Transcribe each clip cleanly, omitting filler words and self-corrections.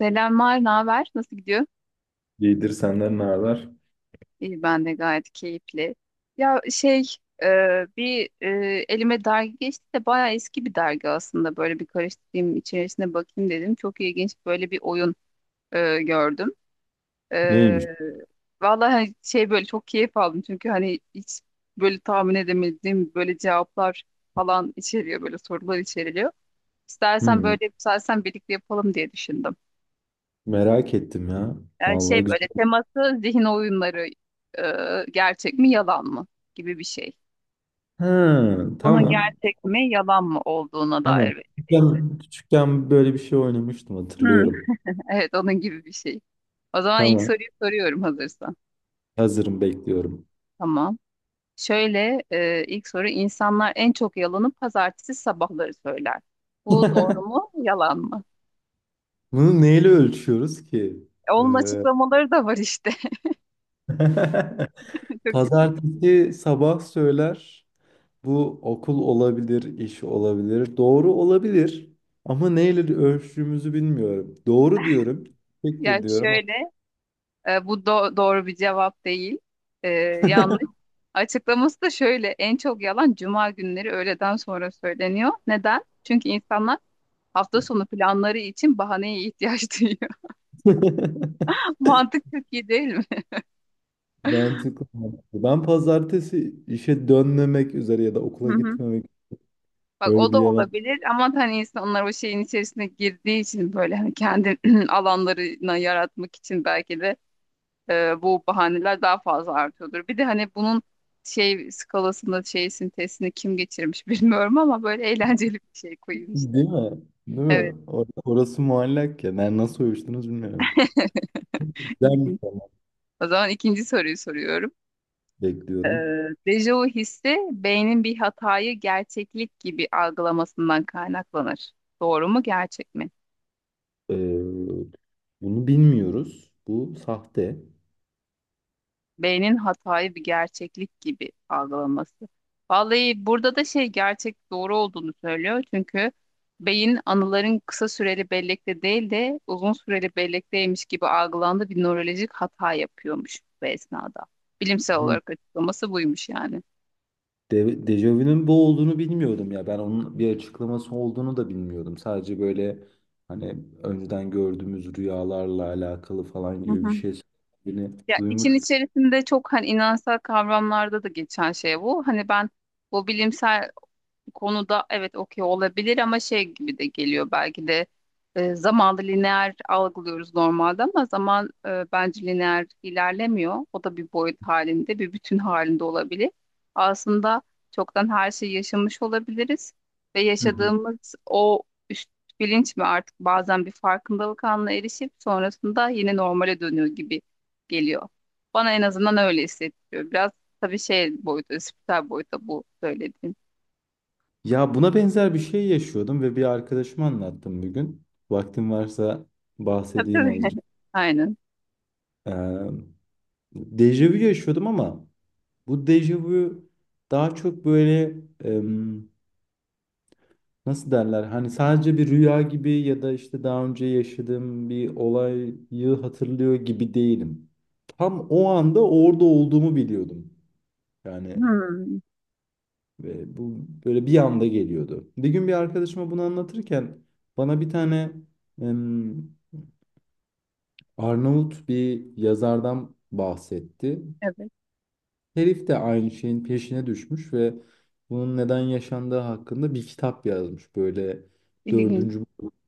Selamlar, ne haber? Nasıl gidiyor? İyidir senden ne haber? İyi, ben de gayet keyifli. Ya şey, e, bir e, Elime dergi geçti de bayağı eski bir dergi aslında. Böyle bir karıştırayım, içerisine bakayım dedim. Çok ilginç böyle bir oyun gördüm. E, Neymiş? Vallahi hani şey böyle çok keyif aldım. Çünkü hani hiç böyle tahmin edemediğim böyle cevaplar falan içeriyor, böyle sorular içeriliyor. İstersen Hmm, böyle, istersen birlikte yapalım diye düşündüm. merak ettim ya. Yani Vallahi şey güzel. böyle teması zihin oyunları, gerçek mi yalan mı gibi bir şey. Ha, Bunun tamam. gerçek mi yalan mı olduğuna Tamam. dair bir şey. Küçükken böyle bir şey oynamıştım Hmm, hatırlıyorum. evet, onun gibi bir şey. O zaman ilk Tamam. soruyu soruyorum hazırsan. Hazırım bekliyorum. Tamam. İlk soru: insanlar en çok yalanı pazartesi sabahları söyler. Bu doğru mu yalan mı? Bunu neyle ölçüyoruz ki? Onun Ee, açıklamaları da var işte. Çok iyi. Pazartesi sabah söyler. Bu okul olabilir, iş olabilir. Doğru olabilir. Ama neyle ölçtüğümüzü bilmiyorum. Doğru diyorum. Tektir yani diyorum. şöyle E, bu do- doğru bir cevap değil. E, Yanlış. Açıklaması da şöyle. En çok yalan cuma günleri öğleden sonra söyleniyor. Neden? Çünkü insanlar hafta sonu planları için bahaneye ihtiyaç duyuyor. Mantık çok iyi değil mi? Mantıklı, mantıklı. Ben pazartesi işe dönmemek üzere ya da Hı okula hı. gitmemek Bak o böyle bir da yalan. olabilir ama hani insanlar o şeyin içerisine girdiği için böyle hani kendi alanlarına yaratmak için belki de bu bahaneler daha fazla artıyordur. Bir de hani bunun şey skalasında şey sintezini kim geçirmiş bilmiyorum ama böyle eğlenceli bir şey koyayım işte. Değil mi? Değil Evet. mi? Orası muallak ya. Ben nasıl uyuştunuz bilmiyorum. Güzel bir İlginç. format O zaman ikinci soruyu soruyorum. Ee, bekliyorum. Dejavu hissi beynin bir hatayı gerçeklik gibi algılamasından kaynaklanır. Doğru mu, gerçek mi? Ee, bunu bilmiyoruz. Bu sahte. Beynin hatayı bir gerçeklik gibi algılaması. Vallahi burada da şey, gerçek doğru olduğunu söylüyor. Çünkü beyin anıların kısa süreli bellekte değil de uzun süreli bellekteymiş gibi algılandığı bir nörolojik hata yapıyormuş bu esnada. Bilimsel Hı. olarak açıklaması buymuş yani. Dejavu'nun bu olduğunu bilmiyordum ya. Ben onun bir açıklaması olduğunu da bilmiyordum. Sadece böyle hani önceden gördüğümüz rüyalarla alakalı falan Hı gibi bir hı. şey söylediğini Ya için duymuştum. içerisinde çok hani inançsal kavramlarda da geçen şey bu. Hani ben bu bilimsel, bu konuda evet okey olabilir ama şey gibi de geliyor belki de. Zamanı lineer algılıyoruz normalde ama zaman, bence lineer ilerlemiyor. O da bir boyut halinde, bir bütün halinde olabilir. Aslında çoktan her şeyi yaşamış olabiliriz ve Hı hı. yaşadığımız o üst bilinç mi artık bazen bir farkındalık anına erişip sonrasında yine normale dönüyor gibi geliyor. Bana en azından öyle hissettiriyor. Biraz tabii şey boyutu, spiritüel boyuta bu söylediğim. Ya buna benzer bir şey yaşıyordum ve bir arkadaşıma anlattım bugün. Vaktim varsa Tabii bahsedeyim tabii. azıcık. Aynen. Ee, dejavu yaşıyordum ama bu dejavu daha çok böyle em, nasıl derler? Hani sadece bir rüya gibi ya da işte daha önce yaşadığım bir olayı hatırlıyor gibi değilim. Tam o anda orada olduğumu biliyordum. Yani Hmm, ve bu böyle bir anda geliyordu. Bir gün bir arkadaşıma bunu anlatırken bana bir tane Arnavut bir yazardan bahsetti. evet. Herif de aynı şeyin peşine düşmüş ve bunun neden yaşandığı hakkında bir kitap yazmış. Böyle İlginç dördüncü,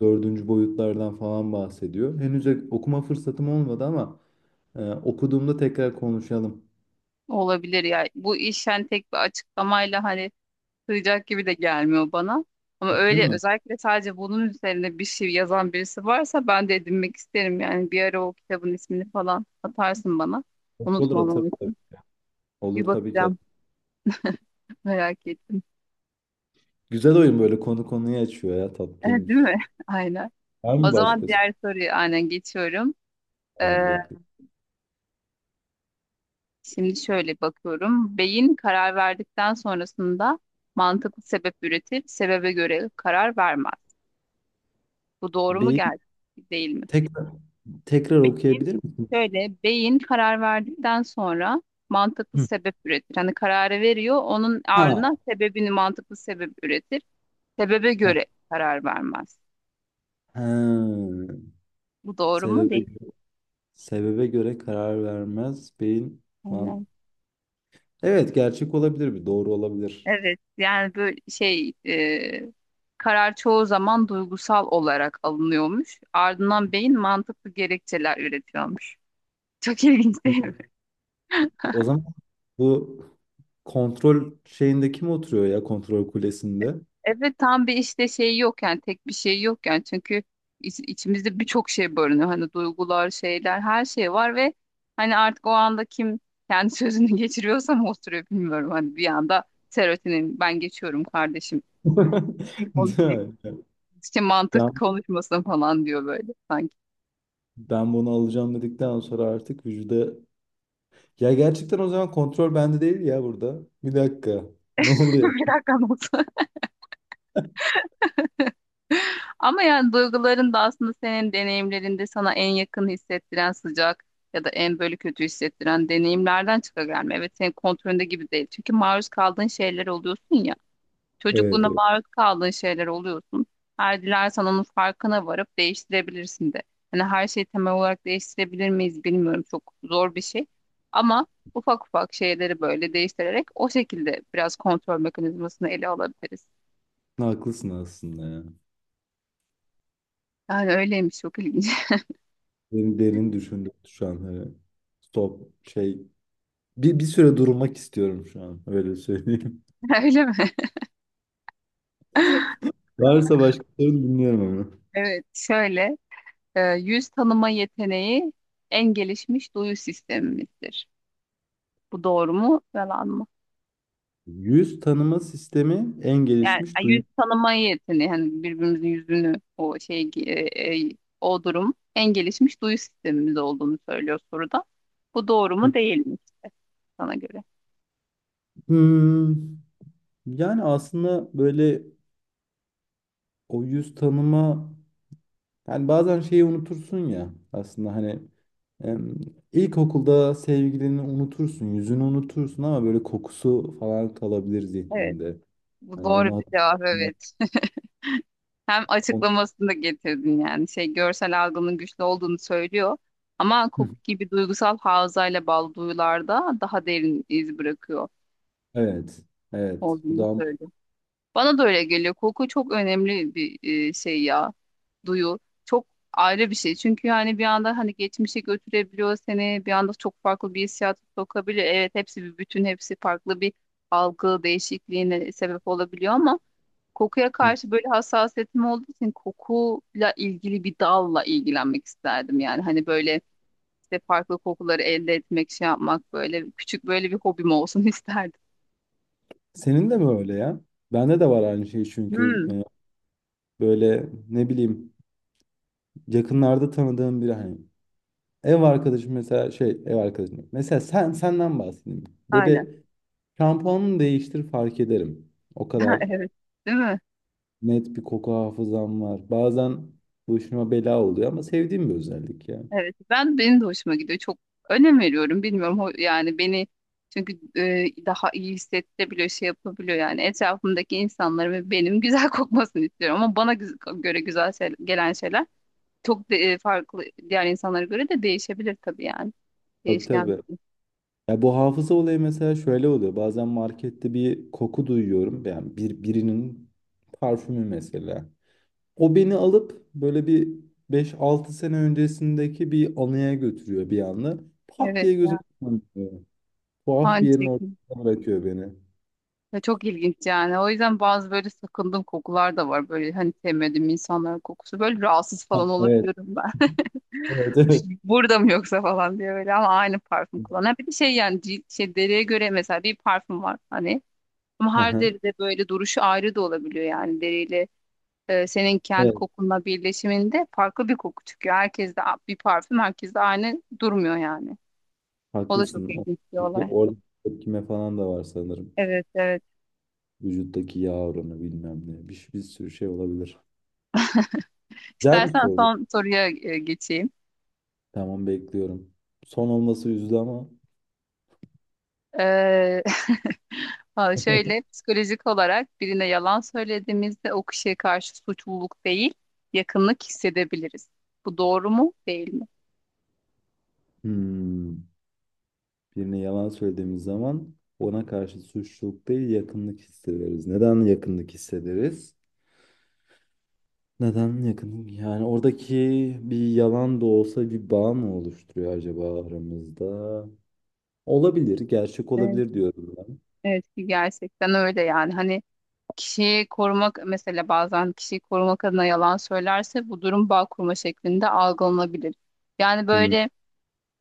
dördüncü boyutlardan falan bahsediyor. Henüz okuma fırsatım olmadı ama okuduğumda tekrar konuşalım. olabilir ya. Bu iş yani tek bir açıklamayla hani sığacak gibi de gelmiyor bana. Ama Değil öyle mi? özellikle sadece bunun üzerine bir şey yazan birisi varsa ben de edinmek isterim. Yani bir ara o kitabın ismini falan atarsın bana. Olur atarım Unutmamam tabii. için. Bir Olur tabii ki bakacağım. atarım. Merak ettim. Güzel oyun böyle konu konuyu açıyor ya Eh, değil tatlıymış. mi? Aynen. Var O mı zaman başkası? diğer soruyu aynen geçiyorum. Tamam Ee, bekle. Şimdi şöyle bakıyorum. Beyin karar verdikten sonrasında mantıklı sebep üretir, sebebe göre karar vermez. Bu doğru mu Bir geldi değil mi? tekrar, tekrar Beyin- okuyabilir misin? Şöyle, beyin karar verdikten sonra mantıklı Hı. sebep üretir. Hani kararı veriyor, onun Ha. ardına sebebini mantıklı sebep üretir. Sebebe göre karar vermez. Ha, Bu doğru mu sebebe değil mi? sebebe göre karar vermez beyin man. Evet, gerçek olabilir bir doğru olabilir. Evet yani böyle şey, karar çoğu zaman duygusal olarak alınıyormuş. Ardından beyin mantıklı gerekçeler üretiyormuş. Çok ilginç Hı. değil mi? O zaman bu kontrol şeyinde kim oturuyor ya kontrol kulesinde? Evet. Tam bir işte şey yok yani, tek bir şey yok yani çünkü içimizde birçok şey barınıyor. Hani duygular, şeyler, her şey var ve hani artık o anda kim kendi sözünü geçiriyorsa mı oturuyor bilmiyorum. Hani bir anda serotinin ben geçiyorum kardeşim Değil konuşması, mi? işte mantık Ben konuşmasın falan diyor böyle sanki. ben bunu alacağım dedikten sonra artık vücuda. Ya gerçekten o zaman kontrol bende değil ya burada. Bir dakika. Ne oluyor? Bir dakikan olsun. Ama yani duyguların da aslında senin deneyimlerinde sana en yakın hissettiren sıcak ya da en böyle kötü hissettiren deneyimlerden çıka gelme. Evet, senin kontrolünde gibi değil. Çünkü maruz kaldığın şeyler oluyorsun ya. Evet, Çocukluğunda evet. maruz kaldığın şeyler oluyorsun. Her dilersen onun farkına varıp değiştirebilirsin de. Hani her şeyi temel olarak değiştirebilir miyiz bilmiyorum. Çok zor bir şey. Ama ufak ufak şeyleri böyle değiştirerek o şekilde biraz kontrol mekanizmasını ele alabiliriz. Haklısın aslında ya. Yani öyleymiş, çok ilginç. Derin, derin düşündüm şu an. Hani stop şey. Bir süre durmak istiyorum şu an. Öyle söyleyeyim. Öyle mi? Varsa başka sorun dinliyorum ama. Evet, şöyle, yüz tanıma yeteneği en gelişmiş duyu sistemimizdir. Bu doğru mu, yalan mı? Yüz tanıma sistemi en Yani gelişmiş duyu. yüz tanıma yeteneği hani birbirimizin yüzünü o şey, o durum en gelişmiş duyu sistemimiz olduğunu söylüyor soruda. Bu doğru Hı. mu değil mi işte sana göre? Hmm, yani aslında böyle o yüz tanıma. Yani bazen şeyi unutursun ya aslında hani em, ilkokulda sevgilini unutursun, yüzünü unutursun ama böyle kokusu falan kalabilir Evet, zihninde. bu Hani onu doğru bir cevap, hatırlamak. evet. Hem onu- açıklamasını da getirdin yani. Şey, görsel algının güçlü olduğunu söylüyor. Ama Hı, koku gibi duygusal havzayla bağlı duyularda daha derin iz bırakıyor evet. Evet. Bu olduğunu da. söylüyor. Bana da öyle geliyor. Koku çok önemli bir şey ya. Duyu. Çok ayrı bir şey. Çünkü yani bir anda hani geçmişe götürebiliyor seni. Bir anda çok farklı bir hissiyat sokabiliyor. Evet, hepsi bir bütün, hepsi farklı bir algı değişikliğine sebep olabiliyor ama kokuya Hı. karşı böyle hassasiyetim olduğu için kokuyla ilgili bir dalla ilgilenmek isterdim. Yani hani böyle işte farklı kokuları elde etmek, şey yapmak böyle küçük böyle bir hobim olsun isterdim. Senin de mi öyle ya? Bende de var aynı şey çünkü Hmm, böyle ne bileyim yakınlarda tanıdığım biri hani ev arkadaşım mesela senden bahsedeyim. aynen. Böyle şampuanını değiştir fark ederim. O Ha, kadar evet. Değil mi? net bir koku hafızam var. Bazen başıma bela oluyor ama sevdiğim bir özellik ya. Evet. Ben benim de hoşuma gidiyor. Çok önem veriyorum. Bilmiyorum, yani beni, çünkü daha iyi hissettirebiliyor, şey yapabiliyor. Yani etrafımdaki insanların ve benim güzel kokmasını istiyorum ama bana göre güzel gelen şeyler çok farklı, diğer insanlara göre de değişebilir tabii yani. Tabii Değişken bir tabii. şey. Ya bu hafıza olayı mesela şöyle oluyor. Bazen markette bir koku duyuyorum. Yani birinin parfümü mesela. O beni alıp böyle bir beş altı sene öncesindeki bir anıya götürüyor bir anda. Pat Evet diye gözüm ya. kapanıyor. Tuhaf Aynı bir yerin şekilde. ortasına bırakıyor beni. Ve çok ilginç yani. O yüzden bazı böyle sakındığım kokular da var. Böyle hani sevmediğim insanların kokusu. Böyle rahatsız Ha, falan evet. olabiliyorum ben. Evet, evet. Burada mı yoksa falan diye böyle, ama aynı parfüm kullanan. Bir de şey yani cilt, şey deriye göre mesela bir parfüm var hani. Ama Hı her hı. deride böyle duruşu ayrı da olabiliyor yani deriyle, senin kendi Evet, kokunla birleşiminde farklı bir koku çıkıyor. Herkes de bir parfüm, herkes de aynı durmuyor yani. O da çok haklısın. İlginç bir olay. Orada tepkime falan da var sanırım. Evet, evet. Vücuttaki yağ oranı bilmem ne. Bir sürü şey olabilir. Güzel bir İstersen soru. son soruya geçeyim. Tamam bekliyorum. Son olması üzücü ama Ee, ha, şöyle, psikolojik olarak birine yalan söylediğimizde o kişiye karşı suçluluk değil, yakınlık hissedebiliriz. Bu doğru mu, değil mi? hmm, birine yalan söylediğimiz zaman ona karşı suçluluk değil yakınlık hissederiz. Neden yakınlık hissederiz? Neden yakınlık? Yani oradaki bir yalan da olsa bir bağ mı oluşturuyor acaba aramızda? Olabilir, gerçek Evet, olabilir diyorum ben. evet ki gerçekten öyle yani. Hani kişiyi korumak, mesela bazen kişiyi korumak adına yalan söylerse bu durum bağ kurma şeklinde algılanabilir. Yani Hmm, böyle,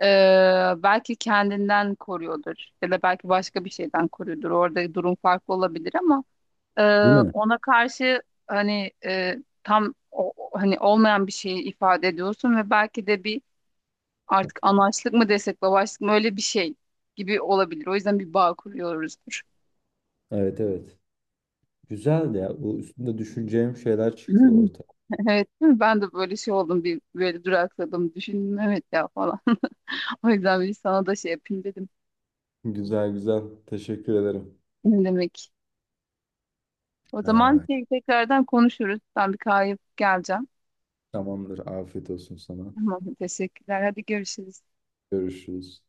Belki kendinden koruyordur ya da belki başka bir şeyden koruyordur. Orada durum farklı olabilir ama e, değil mi? ona karşı hani, tam hani olmayan bir şeyi ifade ediyorsun ve belki de bir artık anaçlık mı desek babaçlık mı öyle bir şey gibi olabilir. O yüzden bir bağ kuruyoruzdur. Evet evet. Güzel ya. Bu üstünde düşüneceğim şeyler çıktı ortaya. Evet, değil mi? Ben de böyle şey oldum, bir böyle durakladım, düşündüm evet ya falan. O yüzden bir sana da şey yapayım dedim. Güzel güzel. Teşekkür ederim. Ne demek? O zaman Aa, şey, tekrardan konuşuruz. Ben bir kahve yapıp geleceğim. tamamdır. Afiyet olsun sana. Tamam, teşekkürler. Hadi görüşürüz. Görüşürüz.